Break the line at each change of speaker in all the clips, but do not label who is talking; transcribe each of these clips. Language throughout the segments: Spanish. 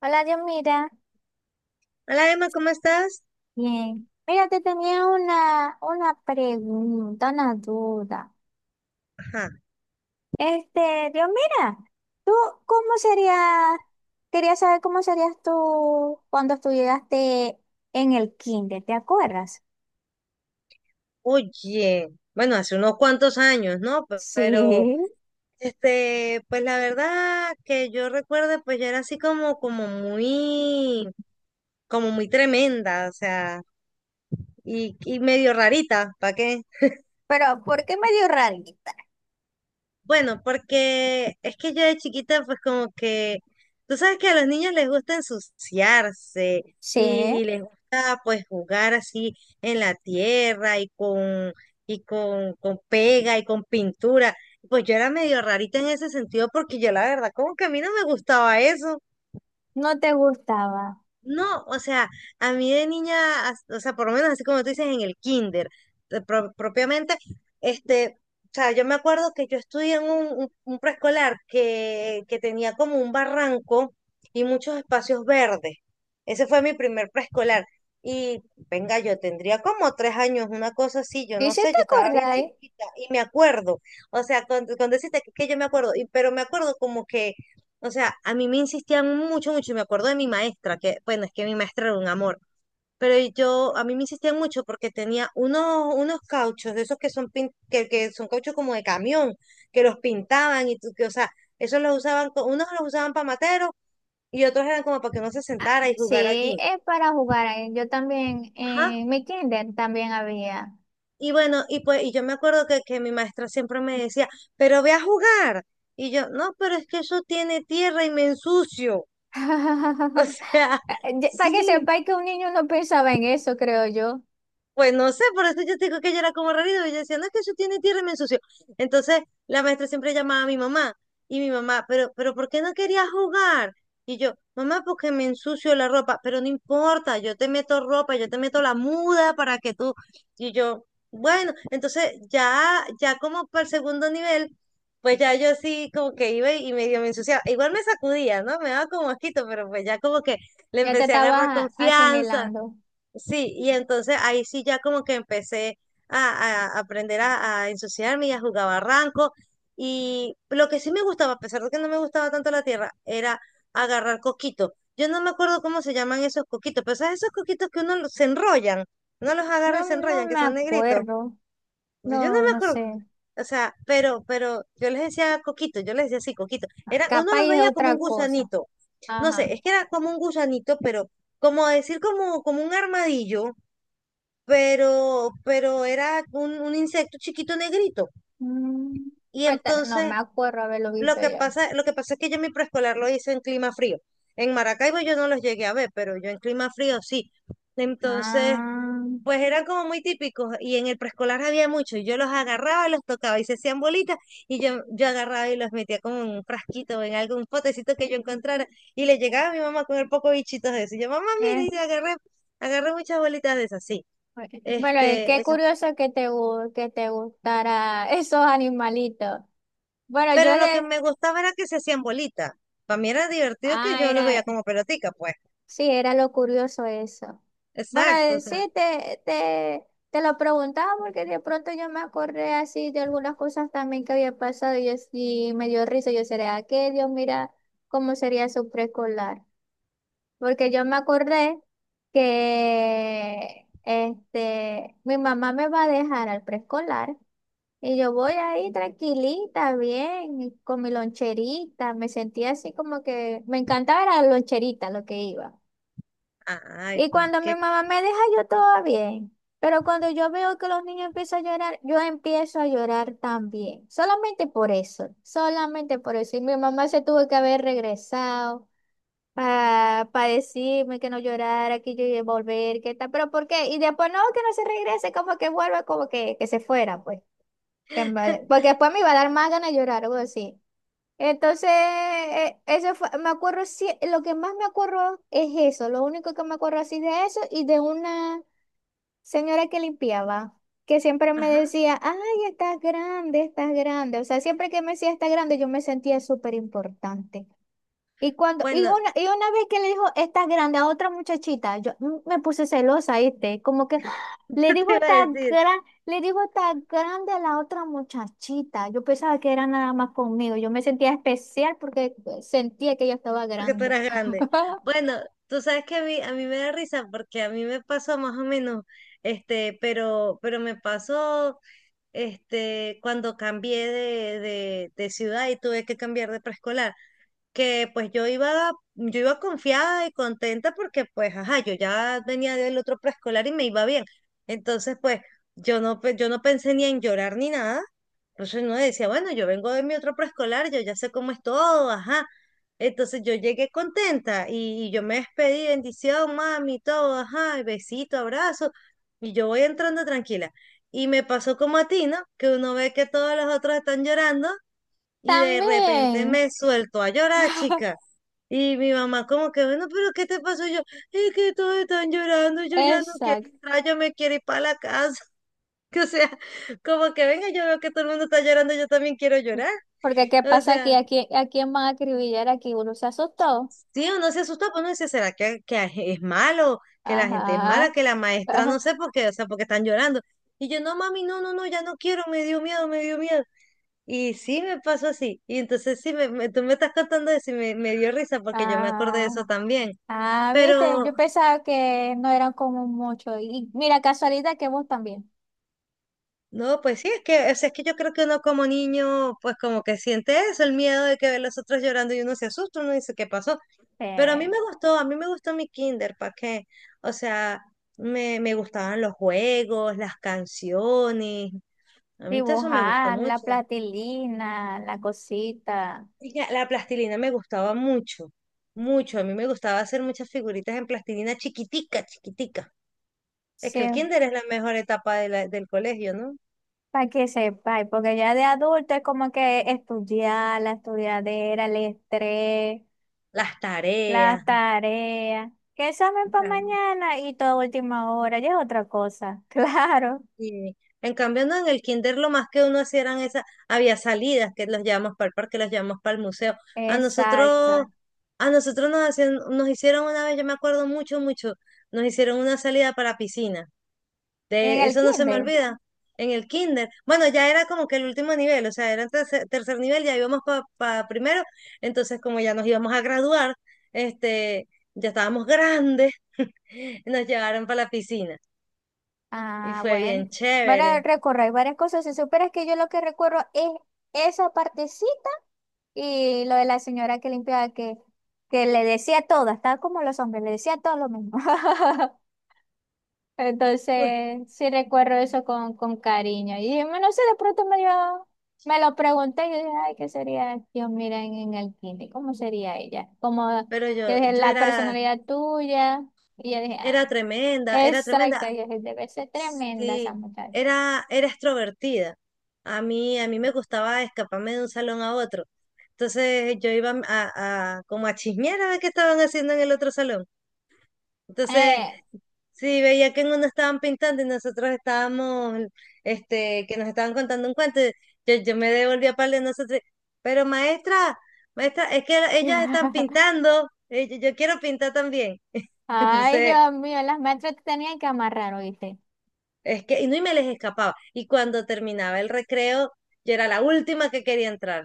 Hola, Dios, mira.
Hola Emma, ¿cómo estás?
Bien. Mira, te tenía una pregunta, una duda.
Ajá.
Dios, mira, ¿tú cómo serías? Quería saber cómo serías tú cuando estudiaste en el kinder, ¿te acuerdas?
Oye, bueno, hace unos cuantos años, ¿no?
Sí.
Pues la verdad que yo recuerdo, pues yo era así como, como muy tremenda, o sea, y medio rarita, ¿para qué?
Pero, ¿por qué medio rarita?
Bueno, porque es que yo de chiquita, pues como que, tú sabes que a los niños les gusta ensuciarse
Sí,
y, y les gusta pues jugar así en la tierra y con pega y con pintura. Pues yo era medio rarita en ese sentido porque yo la verdad como que a mí no me gustaba eso.
no te gustaba.
No, o sea, a mí de niña, o sea, por lo menos así como tú dices en el kinder, propiamente. este, o sea, yo me acuerdo que yo estudié en un preescolar que tenía como un barranco y muchos espacios verdes. Ese fue mi primer preescolar. Y venga, yo tendría como 3 años, una cosa así, yo
¿Y
no
si
sé,
te
yo estaba bien
acordáis?
chiquita y me acuerdo, o sea, con, con decirte que yo me acuerdo, pero me acuerdo como que o sea, a mí me insistían mucho, mucho, y me acuerdo de mi maestra, que, bueno, es que mi maestra era un amor, pero yo, a mí me insistían mucho porque tenía unos cauchos, de esos que son, que son cauchos como de camión, que los pintaban y tú, que, o sea, esos los usaban, unos los usaban para materos y otros eran como para que uno se
Ah,
sentara y jugar
sí,
allí.
es para jugar. Yo también,
Ajá.
en mi kinder también había.
Y bueno, y pues, y yo me acuerdo que mi maestra siempre me decía, pero ve a jugar. Y yo, no, pero es que eso tiene tierra y me ensucio. O sea,
Para que
sí,
sepáis que un niño no pensaba en eso, creo yo.
pues no sé, por eso yo te digo que ella era como rarito. Y yo decía, no, es que eso tiene tierra y me ensució. Entonces, la maestra siempre llamaba a mi mamá. Y mi mamá, pero ¿por qué no querías jugar? Y yo, mamá, porque me ensucio la ropa. Pero no importa, yo te meto ropa, yo te meto la muda para que tú. Y yo, bueno, entonces ya, como para el segundo nivel, pues ya yo así como que iba y medio me ensuciaba. Igual me sacudía, ¿no? Me daba como asquito, pero pues ya como que le
Ya te
empecé a agarrar
estabas
confianza.
asimilando.
Sí, y entonces ahí sí ya como que empecé a, a aprender a ensuciarme y a jugar barranco. Y lo que sí me gustaba, a pesar de que no me gustaba tanto la tierra, era agarrar coquitos. Yo no me acuerdo cómo se llaman esos coquitos, pero ¿sabes esos coquitos que uno se enrollan? Uno los agarra y
No,
se
no
enrollan, que
me
son negritos.
acuerdo.
Pues yo no
No,
me
no
acuerdo,
sé.
o sea, pero yo les decía coquitos, yo les decía así, coquitos. Era, uno
Capaz
los
es
veía como
otra
un
cosa.
gusanito. No sé,
Ajá.
es que era como un gusanito, pero como decir como, un armadillo pero era un insecto chiquito negrito.
Mm,
Y
pues, no
entonces
me acuerdo haberlo
lo
visto
que
yo.
pasa, lo que pasa es que yo mi preescolar lo hice en clima frío. En Maracaibo yo no los llegué a ver, pero yo en clima frío sí. Entonces,
Ah,
pues eran como muy típicos y en el preescolar había muchos. Yo los agarraba, los tocaba y se hacían bolitas y yo agarraba y los metía como en un frasquito o en algún potecito que yo encontrara y le llegaba a mi mamá con el poco bichitos de eso. Y yo, mamá, mire,
eh,
y agarré, agarré muchas bolitas de esas, sí.
Bueno,
Este,
qué curioso que que te gustara esos animalitos. Bueno, yo
Pero lo que
de...
me gustaba era que se hacían bolitas. Para mí era divertido que
Ah,
yo los veía
era...
como pelotica, pues.
Sí, era lo curioso eso. Bueno,
Exacto, o
sí,
sea,
te lo preguntaba porque de pronto yo me acordé así de algunas cosas también que había pasado y, yo, sí me dio risa. Yo sería, que Dios mira cómo sería su preescolar. Porque yo me acordé que mi mamá me va a dejar al preescolar y yo voy ahí tranquilita, bien, y con mi loncherita. Me sentía así como que me encantaba era la loncherita lo que iba.
ay,
Y
pues
cuando mi
que,
mamá me deja, yo todo bien. Pero cuando yo veo que los niños empiezan a llorar, yo empiezo a llorar también. Solamente por eso, solamente por eso. Y mi mamá se tuvo que haber regresado para decirme que no llorara, que yo iba a volver, que tal. Pero ¿por qué? Y después no, que no se regrese, como que vuelva, como que se fuera, pues. Que en vez de- Porque después me iba a dar más ganas de llorar, algo así. Entonces, me acuerdo, sí, lo que más me acuerdo es eso, lo único que me acuerdo así de eso y de una señora que limpiaba, que siempre me
ajá.
decía, ay, estás grande, estás grande. O sea, siempre que me decía estás grande, yo me sentía súper importante. Y cuando,
Bueno,
y una vez que le dijo, estás grande a otra muchachita, yo me puse celosa, ¿viste? Como que ¡ah! Le
yo te
dijo,
iba a decir,
le dijo, estás grande a la otra muchachita. Yo pensaba que era nada más conmigo. Yo me sentía especial porque sentía que ella estaba
porque tú
grande.
eras grande. Bueno, tú sabes que a mí me da risa porque a mí me pasó más o menos, pero me pasó, cuando cambié de, ciudad y tuve que cambiar de preescolar. Que pues yo iba confiada y contenta porque pues, ajá, yo ya venía del otro preescolar y me iba bien. Entonces, pues, yo no, yo no pensé ni en llorar ni nada. Entonces uno decía, bueno, yo vengo de mi otro preescolar, yo ya sé cómo es todo, ajá. Entonces yo llegué contenta y yo me despedí, bendición, mami, todo, ajá, y besito, abrazo, y yo voy entrando tranquila. Y me pasó como a ti, ¿no? Que uno ve que todos los otros están llorando y de repente
También.
me suelto a llorar, chica. Y mi mamá como que, bueno, pero ¿qué te pasó? Y yo, es que todos están llorando, yo ya no quiero
Exacto.
entrar, yo me quiero ir para la casa. Que, o sea, como que venga, yo veo que todo el mundo está llorando, yo también quiero llorar.
Porque qué
O
pasa
sea,
aquí, a quién van a acribillar aquí, uno se asustó.
sí, uno se asusta, pues uno dice, ¿será que es malo? Que la gente es mala,
Ajá.
que la maestra, no sé por qué, o sea, porque están llorando. Y yo, no, mami, no, no, no, ya no quiero, me dio miedo, me dio miedo. Y sí me pasó así. Y entonces sí, me, tú me estás contando eso y me, dio risa porque yo me acordé de
ah,
eso también.
ah, viste,
Pero
yo pensaba que no eran como mucho. Y mira, casualidad que vos también.
no, pues sí, es que, o sea, es que yo creo que uno como niño, pues como que siente eso, el miedo de que ve a los otros llorando y uno se asusta, uno dice, ¿qué pasó? Pero a mí
Eh,
me gustó, a mí me gustó mi kinder, ¿para qué? O sea, me gustaban los juegos, las canciones. A mí todo eso me gustó
Dibujar, la
mucho.
platilina, la cosita.
Chica, la plastilina me gustaba mucho, mucho. A mí me gustaba hacer muchas figuritas en plastilina chiquitica, chiquitica. Es
Sí,
que el kinder es la mejor etapa de del colegio, ¿no?
para que sepáis, porque ya de adulto es como que estudiar, la estudiadera, el estrés,
Las tareas.
las tareas, que
O
examen para
sea,
mañana y toda última hora, ya es otra cosa. Claro,
y- en cambio, no, en el kinder lo más que uno hacía eran esas, había salidas que los llevamos para el parque, los llevamos para el museo. A nosotros,
exacto.
a nosotros nos hacían, nos hicieron una vez, yo me acuerdo mucho, mucho, nos hicieron una salida para piscina.
En
De
el
eso no se me
kinder.
olvida. En el kinder. Bueno, ya era como que el último nivel, o sea, era tercer nivel, ya íbamos para primero. Entonces, como ya nos íbamos a graduar, este, ya estábamos grandes, nos llevaron para la piscina. Y
Ah,
fue
bueno.
bien
Van
chévere.
a recorrer varias cosas. Si supieras que yo lo que recuerdo es esa partecita y lo de la señora que limpiaba, que le decía todo, estaba como los hombres, le decía todo lo mismo.
Uy,
Entonces, sí recuerdo eso con cariño. Y dije, no sé, de pronto me dio- me lo pregunté y yo dije, ay, ¿qué sería Dios, mira, en el kinder? ¿Cómo sería ella? Como,
pero
yo
yo,
dije,
yo
la
era,
personalidad tuya. Y yo dije,
era
ah.
tremenda, era tremenda.
Exacto, yo dije, debe ser tremenda esa
Sí,
muchacha.
era, era, extrovertida. a mí me gustaba escaparme de un salón a otro. Entonces yo iba a, como a chismear a ver qué estaban haciendo en el otro salón. Entonces,
Eh.
sí, veía que en uno estaban pintando y nosotros estábamos, que nos estaban contando un cuento. Y Yo me devolví a par de nosotros. Pero maestra, maestra, es que ellas están pintando. Yo quiero pintar también.
Ay,
Entonces,
Dios mío, las maestras te tenían que amarrar, ¿oíste?
es que, y no, y me les escapaba. Y cuando terminaba el recreo, yo era la última que quería entrar.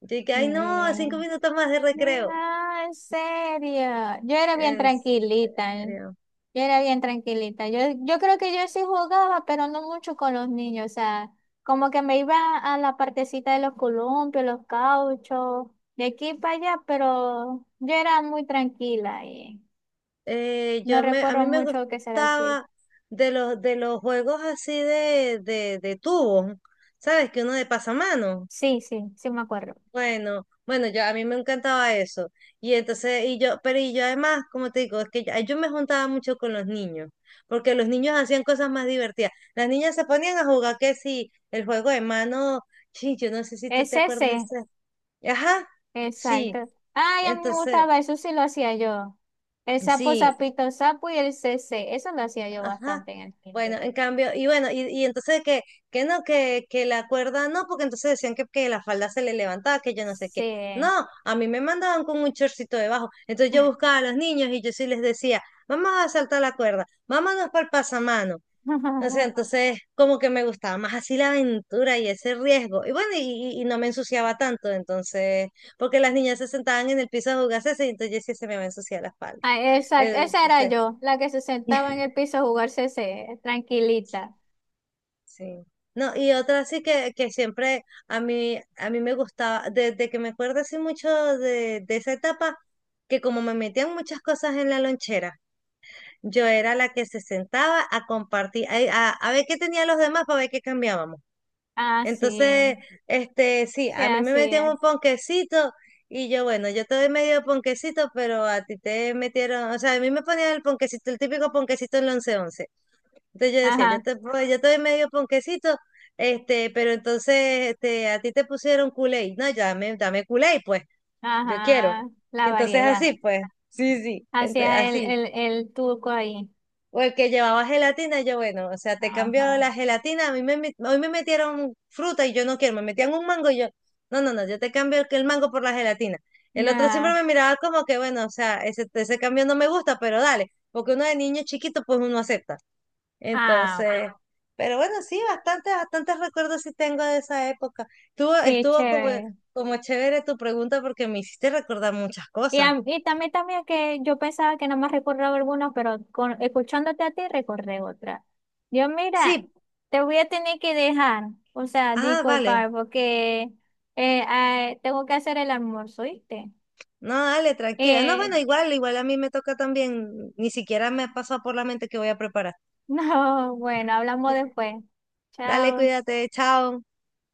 Yo dije, ay no,
Eh,
5 minutos más de
No,
recreo.
en serio. Yo era bien
En
tranquilita, ¿eh?
serio.
Yo era bien tranquilita. Yo creo que yo sí jugaba, pero no mucho con los niños. O sea, como que me iba a la partecita de los columpios, los cauchos, de aquí para allá, pero yo era muy tranquila y no
Yo me, a
recuerdo
mí me
mucho que será así.
gustaba de los, juegos así de tubos, ¿sabes? Que uno de pasamano.
Sí, sí, sí me acuerdo.
Bueno, bueno, yo a mí me encantaba eso. Y entonces, y yo, pero y yo además, como te digo, es que yo, me juntaba mucho con los niños, porque los niños hacían cosas más divertidas. Las niñas se ponían a jugar que sí, el juego de mano, sí, yo no sé si tú
Es
te
ese,
acuerdas de
sí,
ese. Ajá, sí.
exacto. Ay, a mí me
Entonces,
gustaba, eso sí lo hacía yo. El sapo,
sí.
sapito, sapo y el CC. Eso lo hacía yo
Ajá.
bastante en el
Bueno,
kinder.
en cambio, y bueno, y entonces que, que no, que la cuerda no, porque entonces decían que la falda se le levantaba, que yo no sé qué. No,
Sí.
a mí me mandaban con un chorcito debajo. Entonces yo buscaba a los niños y yo sí les decía, vamos a saltar la cuerda, vámonos para el pasamano. O sea, entonces como que me gustaba más así la aventura y ese riesgo. Y bueno, y, y no me ensuciaba tanto, entonces, porque las niñas se sentaban en el piso a jugarse, y entonces yo sí se me va a ensuciar la espalda.
Ay, exacto, esa era
Entonces,
yo, la que se sentaba en el piso a jugar CC, tranquilita.
Sí. No, y otra sí que, siempre a mí me gustaba, desde que me acuerdo así mucho de esa etapa, que como me metían muchas cosas en la lonchera, yo era la que se sentaba a compartir, a, a ver qué tenían los demás para ver qué cambiábamos.
Ah,
Entonces,
sí,
sí,
sí,
a mí me
así
metían un
es.
ponquecito y yo, bueno, yo te doy medio ponquecito, pero a ti te metieron, o sea, a mí me ponían el ponquecito, el típico ponquecito en el once, entonces yo decía,
Ajá,
yo te doy medio ponquecito, pero entonces a ti te pusieron culé. No, ya dame, dame culé, pues, yo quiero.
ajá, la
Y entonces
variedad.
así, pues, sí, sí, entonces,
Hacía
así.
el turco ahí.
O el que llevaba gelatina, yo bueno, o sea, te cambió
Ajá.
la gelatina, a mí hoy me metieron fruta y yo no quiero, me metían un mango y yo, no, no, no, yo te cambio el mango por la gelatina. El otro siempre
Ah,
me miraba como que, bueno, o sea, ese cambio no me gusta, pero dale, porque uno de niño chiquito, pues uno acepta.
ah,
Entonces, pero bueno, sí, bastantes, bastantes recuerdos sí tengo de esa época. Estuvo,
sí,
estuvo como,
chévere.
como chévere tu pregunta porque me hiciste recordar muchas
Y,
cosas.
y también, también que yo pensaba que nada más recordaba algunos, pero con, escuchándote a ti recordé otra. Yo, mira,
Sí,
te voy a tener que dejar, o sea,
ah, vale.
disculpar, porque tengo que hacer el almuerzo, ¿viste?
No, dale, tranquila. No,
Eh,
bueno, igual a mí me toca también. Ni siquiera me pasa por la mente que voy a preparar.
no, bueno, hablamos después.
Dale,
Chao.
cuídate, chao.